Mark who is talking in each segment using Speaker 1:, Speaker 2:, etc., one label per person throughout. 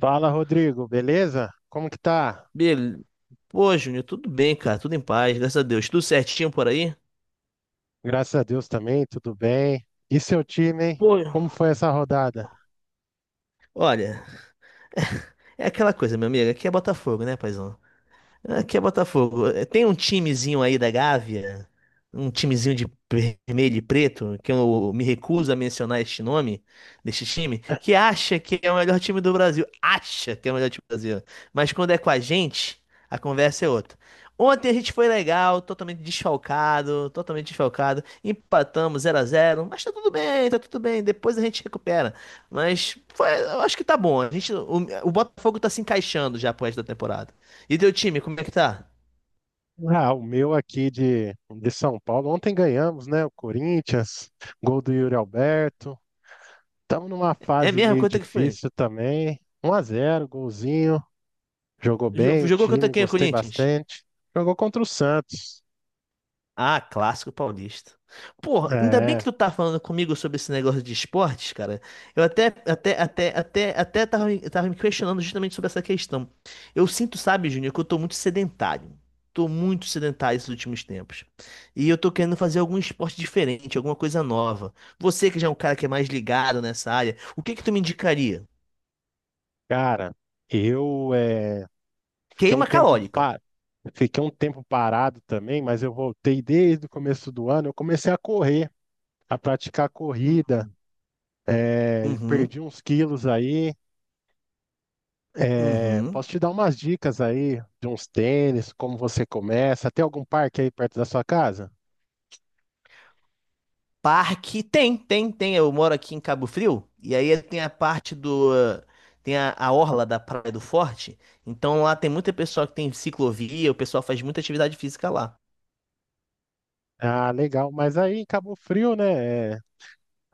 Speaker 1: Fala, Rodrigo, beleza? Como que tá?
Speaker 2: Bele... Pô, Júnior, tudo bem, cara? Tudo em paz, graças a Deus. Tudo certinho por aí?
Speaker 1: Graças a Deus também, tudo bem. E seu time, hein?
Speaker 2: Pô,
Speaker 1: Como foi essa rodada?
Speaker 2: olha, é aquela coisa, meu amigo. Aqui é Botafogo, né, paizão? Aqui é Botafogo. É, tem um timezinho aí da Gávea, um timezinho de vermelho e preto, que eu me recuso a mencionar este nome, deste time, que acha que é o melhor time do Brasil. Acha que é o melhor time do Brasil. Mas quando é com a gente, a conversa é outra. Ontem a gente foi legal, totalmente desfalcado, totalmente desfalcado. Empatamos 0 a 0, mas tá tudo bem, tá tudo bem. Depois a gente recupera. Mas eu acho que tá bom. O Botafogo tá se encaixando já pro resto da temporada. E teu time, como é que tá?
Speaker 1: Ah, o meu aqui de São Paulo. Ontem ganhamos, né? O Corinthians, gol do Yuri Alberto. Estamos numa
Speaker 2: É
Speaker 1: fase
Speaker 2: mesmo?
Speaker 1: meio
Speaker 2: Quanto é que foi?
Speaker 1: difícil também. 1-0, golzinho. Jogou bem o
Speaker 2: Jogou contra
Speaker 1: time,
Speaker 2: quem, o
Speaker 1: gostei
Speaker 2: Corinthians?
Speaker 1: bastante. Jogou contra o Santos.
Speaker 2: Ah, clássico paulista. Porra, ainda bem que
Speaker 1: É,
Speaker 2: tu tá falando comigo sobre esse negócio de esportes, cara. Eu até tava me questionando justamente sobre essa questão. Eu sinto, sabe, Júnior, que eu tô muito sedentário. Tô muito sedentário esses últimos tempos. E eu tô querendo fazer algum esporte diferente, alguma coisa nova. Você que já é um cara que é mais ligado nessa área, o que que tu me indicaria?
Speaker 1: cara, eu Fiquei um
Speaker 2: Queima
Speaker 1: tempo,
Speaker 2: calórica.
Speaker 1: pa- Fiquei um tempo parado também, mas eu voltei desde o começo do ano. Eu comecei a correr, a praticar corrida,
Speaker 2: Uhum,
Speaker 1: perdi uns quilos aí.
Speaker 2: uhum.
Speaker 1: Posso te dar umas dicas aí de uns tênis, como você começa? Tem algum parque aí perto da sua casa?
Speaker 2: Parque tem, tem, tem. Eu moro aqui em Cabo Frio e aí tem a orla da Praia do Forte. Então lá tem muita pessoa que tem ciclovia, o pessoal faz muita atividade física lá.
Speaker 1: Ah, legal. Mas aí em Cabo Frio, né?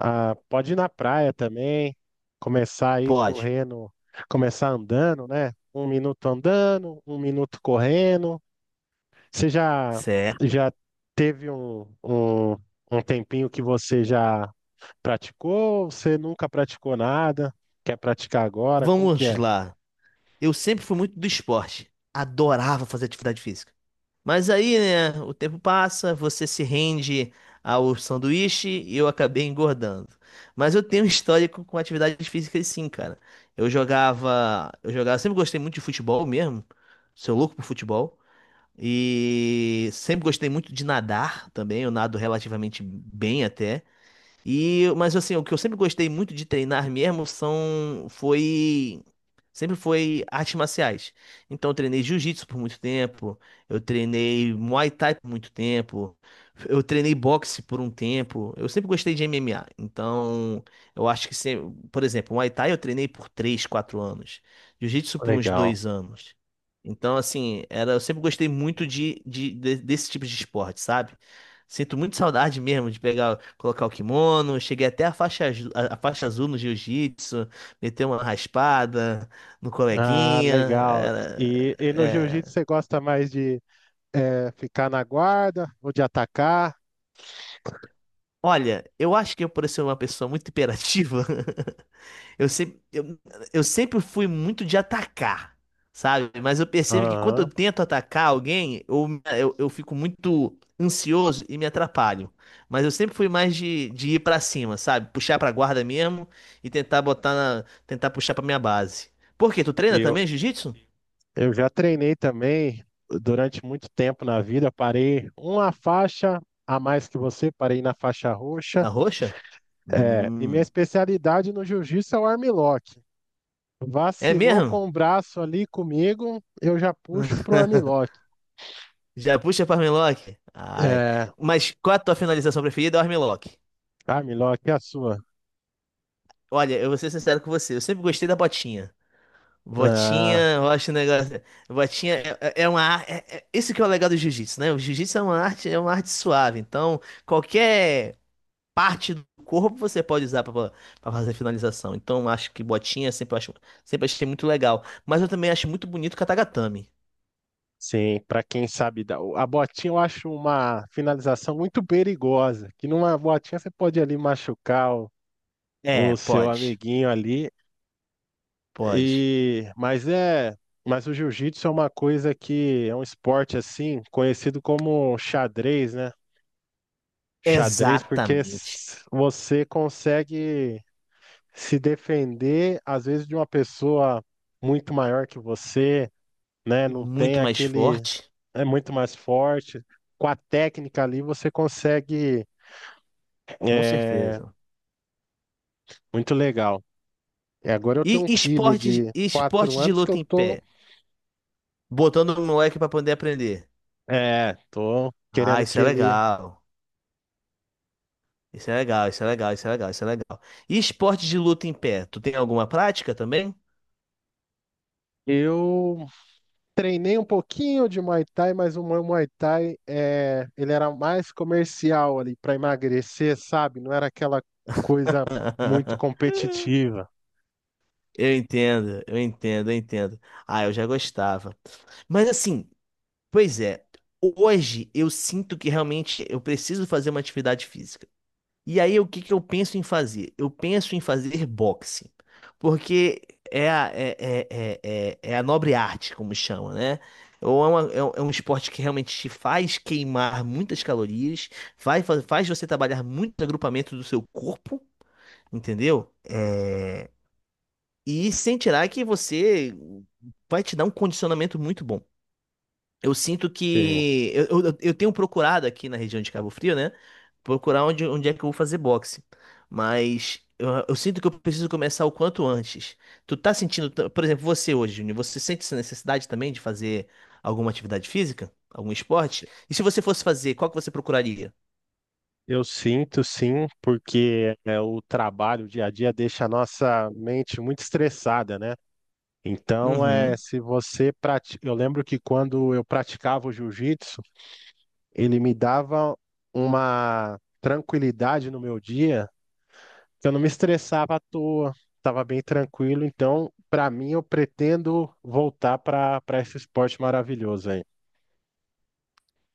Speaker 1: Ah, pode ir na praia também, começar aí
Speaker 2: Pode.
Speaker 1: correndo, começar andando, né? Um minuto andando, um minuto correndo. Você já,
Speaker 2: Certo.
Speaker 1: já teve um tempinho que você já praticou ou você nunca praticou nada? Quer praticar agora? Como que
Speaker 2: Vamos
Speaker 1: é?
Speaker 2: lá. Eu sempre fui muito do esporte. Adorava fazer atividade física. Mas aí, né, o tempo passa, você se rende ao sanduíche e eu acabei engordando. Mas eu tenho um histórico com atividades físicas sim, cara. Eu jogava, sempre gostei muito de futebol mesmo. Sou louco por futebol. E sempre gostei muito de nadar também, eu nado relativamente bem até. E, mas assim, o que eu sempre gostei muito de treinar mesmo sempre foi artes marciais. Então eu treinei jiu-jitsu por muito tempo, eu treinei Muay Thai por muito tempo, eu treinei boxe por um tempo. Eu sempre gostei de MMA. Então, eu acho que sempre, por exemplo, Muay Thai eu treinei por 3 4 anos, jiu-jitsu por uns
Speaker 1: Legal.
Speaker 2: 2 anos. Então, assim, eu sempre gostei muito desse tipo de esporte, sabe? Sinto muito saudade mesmo de pegar, colocar o kimono. Cheguei até a faixa azul no jiu-jitsu, meter uma raspada no
Speaker 1: Ah,
Speaker 2: coleguinha.
Speaker 1: legal. E no jiu-jitsu
Speaker 2: É.
Speaker 1: você gosta mais de ficar na guarda ou de atacar?
Speaker 2: Olha, eu acho que eu, por ser uma pessoa muito imperativa, Eu sempre, eu, eu sempre fui muito de atacar, sabe? Mas eu percebo que quando
Speaker 1: Aham.
Speaker 2: eu tento atacar alguém, eu fico muito ansioso e me atrapalho. Mas eu sempre fui mais de ir pra cima, sabe? Puxar pra guarda mesmo e tentar botar na, tentar puxar pra minha base. Por quê? Tu treina
Speaker 1: Eu,
Speaker 2: também jiu-jitsu?
Speaker 1: eu já treinei também durante muito tempo na vida. Parei uma faixa a mais que você, parei na faixa roxa.
Speaker 2: Na roxa?
Speaker 1: É, e minha
Speaker 2: Hum.
Speaker 1: especialidade no jiu-jitsu é o armlock.
Speaker 2: É
Speaker 1: Vacilou
Speaker 2: mesmo?
Speaker 1: com o braço ali comigo, eu já puxo pro armlock.
Speaker 2: Já puxa pra armlock? Ai.
Speaker 1: É,
Speaker 2: Mas qual a tua finalização preferida? É o armlock.
Speaker 1: armlock é a sua.
Speaker 2: Olha, eu vou ser sincero com você. Eu sempre gostei da botinha. Botinha,
Speaker 1: Ah,
Speaker 2: eu acho um negócio. Botinha é, é uma arte. É, esse que é o legal do jiu-jitsu, né? O jiu-jitsu é uma arte suave. Então, qualquer parte do corpo você pode usar para fazer finalização. Então, eu acho que botinha sempre eu acho, sempre achei muito legal. Mas eu também acho muito bonito o katagatame.
Speaker 1: sim, pra quem sabe dar. A botinha eu acho uma finalização muito perigosa, que numa botinha você pode ali machucar
Speaker 2: É,
Speaker 1: o seu
Speaker 2: pode,
Speaker 1: amiguinho ali.
Speaker 2: pode.
Speaker 1: E mas é, mas o jiu-jitsu é uma coisa que é um esporte assim, conhecido como xadrez, né? Xadrez porque
Speaker 2: Exatamente.
Speaker 1: você consegue se defender, às vezes, de uma pessoa muito maior que você, né?
Speaker 2: E
Speaker 1: Não tem
Speaker 2: muito mais
Speaker 1: aquele.
Speaker 2: forte,
Speaker 1: É muito mais forte. Com a técnica ali, você consegue.
Speaker 2: com
Speaker 1: É,
Speaker 2: certeza.
Speaker 1: muito legal. E agora eu tenho
Speaker 2: E
Speaker 1: um filho
Speaker 2: esporte,
Speaker 1: de 4
Speaker 2: esporte de
Speaker 1: anos que eu
Speaker 2: luta em
Speaker 1: tô.
Speaker 2: pé, botando o moleque para poder aprender.
Speaker 1: É, tô
Speaker 2: Ah,
Speaker 1: querendo
Speaker 2: isso
Speaker 1: que
Speaker 2: é
Speaker 1: ele.
Speaker 2: legal. Isso é legal, isso é legal, isso é legal, isso é legal. E esporte de luta em pé? Tu tem alguma prática também?
Speaker 1: Eu treinei um pouquinho de Muay Thai, mas o meu Muay Thai é, ele era mais comercial ali para emagrecer, sabe? Não era aquela coisa muito competitiva.
Speaker 2: Eu entendo, eu entendo, eu entendo. Ah, eu já gostava. Mas assim, pois é, hoje eu sinto que realmente eu preciso fazer uma atividade física. E aí, o que que eu penso em fazer? Eu penso em fazer boxe, porque é a, é, é, é, é- é a nobre arte, como chama, né? Ou é, uma- é um esporte que realmente te faz queimar muitas calorias, faz você trabalhar muito o agrupamento do seu corpo, entendeu? E sem tirar que você vai te dar um condicionamento muito bom. Eu sinto
Speaker 1: Sim,
Speaker 2: que. Eu tenho procurado aqui na região de Cabo Frio, né? Procurar onde é que eu vou fazer boxe. Mas eu sinto que eu preciso começar o quanto antes. Tu tá sentindo. Por exemplo, você hoje, Júnior, você sente essa necessidade também de fazer alguma atividade física? Algum esporte? E se você fosse fazer, qual que você procuraria?
Speaker 1: eu sinto sim, porque é, o trabalho, o dia a dia deixa a nossa mente muito estressada, né? Então, é,
Speaker 2: Uhum.
Speaker 1: se você pratica, eu lembro que quando eu praticava o jiu-jitsu, ele me dava uma tranquilidade no meu dia, que eu não me estressava à toa, estava bem tranquilo. Então, para mim, eu pretendo voltar para esse esporte maravilhoso aí.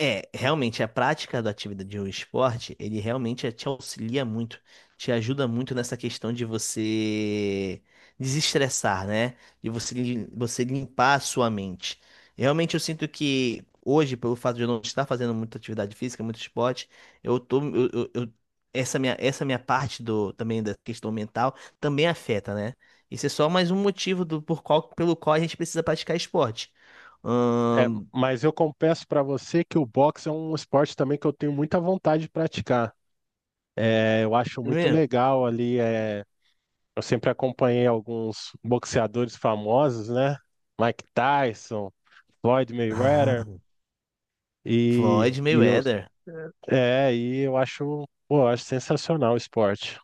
Speaker 2: É, realmente, a prática da atividade de um esporte, ele realmente te auxilia muito, te ajuda muito nessa questão de você desestressar, né? De você, você limpar a sua mente. Realmente, eu sinto que hoje, pelo fato de eu não estar fazendo muita atividade física, muito esporte, eu tô, eu- essa minha parte do, também da questão mental também afeta, né? Isso é só mais um motivo do, por qual, pelo qual a gente precisa praticar esporte.
Speaker 1: É,
Speaker 2: Ahn,
Speaker 1: mas eu confesso para você que o boxe é um esporte também que eu tenho muita vontade de praticar. É, eu acho muito
Speaker 2: mesmo.
Speaker 1: legal ali. É... Eu sempre acompanhei alguns boxeadores famosos, né? Mike Tyson, Floyd Mayweather.
Speaker 2: Floyd
Speaker 1: E, e eu,
Speaker 2: Mayweather.
Speaker 1: e eu acho, pô, eu acho sensacional o esporte.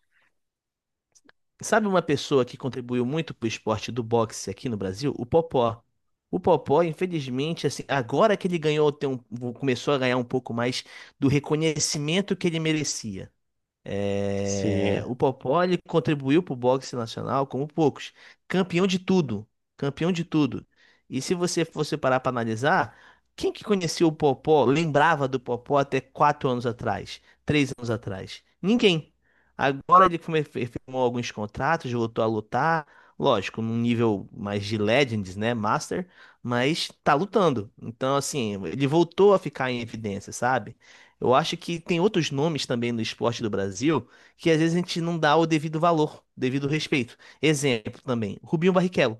Speaker 2: Sabe uma pessoa que contribuiu muito pro esporte do boxe aqui no Brasil? O Popó. O Popó, infelizmente, assim, agora que ele ganhou, começou a ganhar um pouco mais do reconhecimento que ele merecia.
Speaker 1: Sim,
Speaker 2: É,
Speaker 1: é,
Speaker 2: o Popó ele contribuiu para o boxe nacional como poucos. Campeão de tudo. Campeão de tudo. E se você fosse parar para analisar, quem que conhecia o Popó, lembrava do Popó até 4 anos atrás, 3 anos atrás? Ninguém. Agora ele firmou alguns contratos, voltou a lutar. Lógico, num nível mais de Legends, né? Master, mas tá lutando. Então, assim, ele voltou a ficar em evidência, sabe? Eu acho que tem outros nomes também no esporte do Brasil que às vezes a gente não dá o devido valor, devido respeito. Exemplo também, Rubinho Barrichello.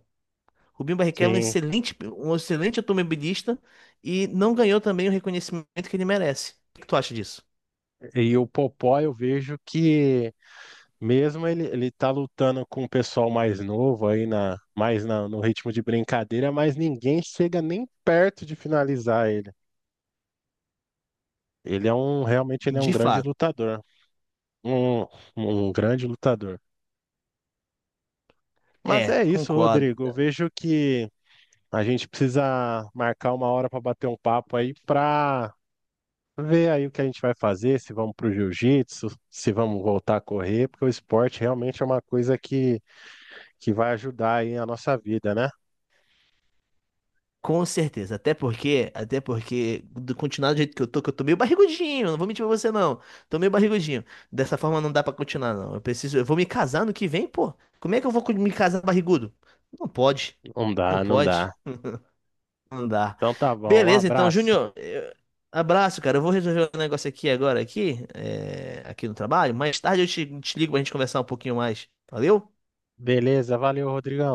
Speaker 2: Rubinho Barrichello é
Speaker 1: sim.
Speaker 2: um excelente automobilista e não ganhou também o reconhecimento que ele merece. O que tu acha disso?
Speaker 1: E o Popó eu vejo que mesmo ele, ele tá lutando com o pessoal mais novo aí mais no ritmo de brincadeira, mas ninguém chega nem perto de finalizar ele. Ele é um, realmente ele é um
Speaker 2: De
Speaker 1: grande
Speaker 2: fato.
Speaker 1: lutador. Um, um grande lutador. Mas
Speaker 2: É,
Speaker 1: é isso,
Speaker 2: concordo.
Speaker 1: Rodrigo. Eu vejo que a gente precisa marcar uma hora para bater um papo aí para ver aí o que a gente vai fazer, se vamos para o jiu-jitsu, se vamos voltar a correr, porque o esporte realmente é uma coisa que vai ajudar aí a nossa vida, né?
Speaker 2: Com certeza, até porque, do continuar do jeito que eu tô meio barrigudinho, não vou mentir pra você não. Tô meio barrigudinho. Dessa forma não dá pra continuar, não. Eu preciso, eu vou me casar no que vem, pô. Como é que eu vou me casar barrigudo? Não pode.
Speaker 1: Não
Speaker 2: Não
Speaker 1: dá, não dá.
Speaker 2: pode. Não dá.
Speaker 1: Então tá bom, um
Speaker 2: Beleza, então,
Speaker 1: abraço.
Speaker 2: Júnior, abraço, cara. Eu vou resolver um negócio aqui agora, aqui, é, aqui no trabalho. Mais tarde eu te ligo pra gente conversar um pouquinho mais. Valeu?
Speaker 1: Beleza, valeu, Rodrigão.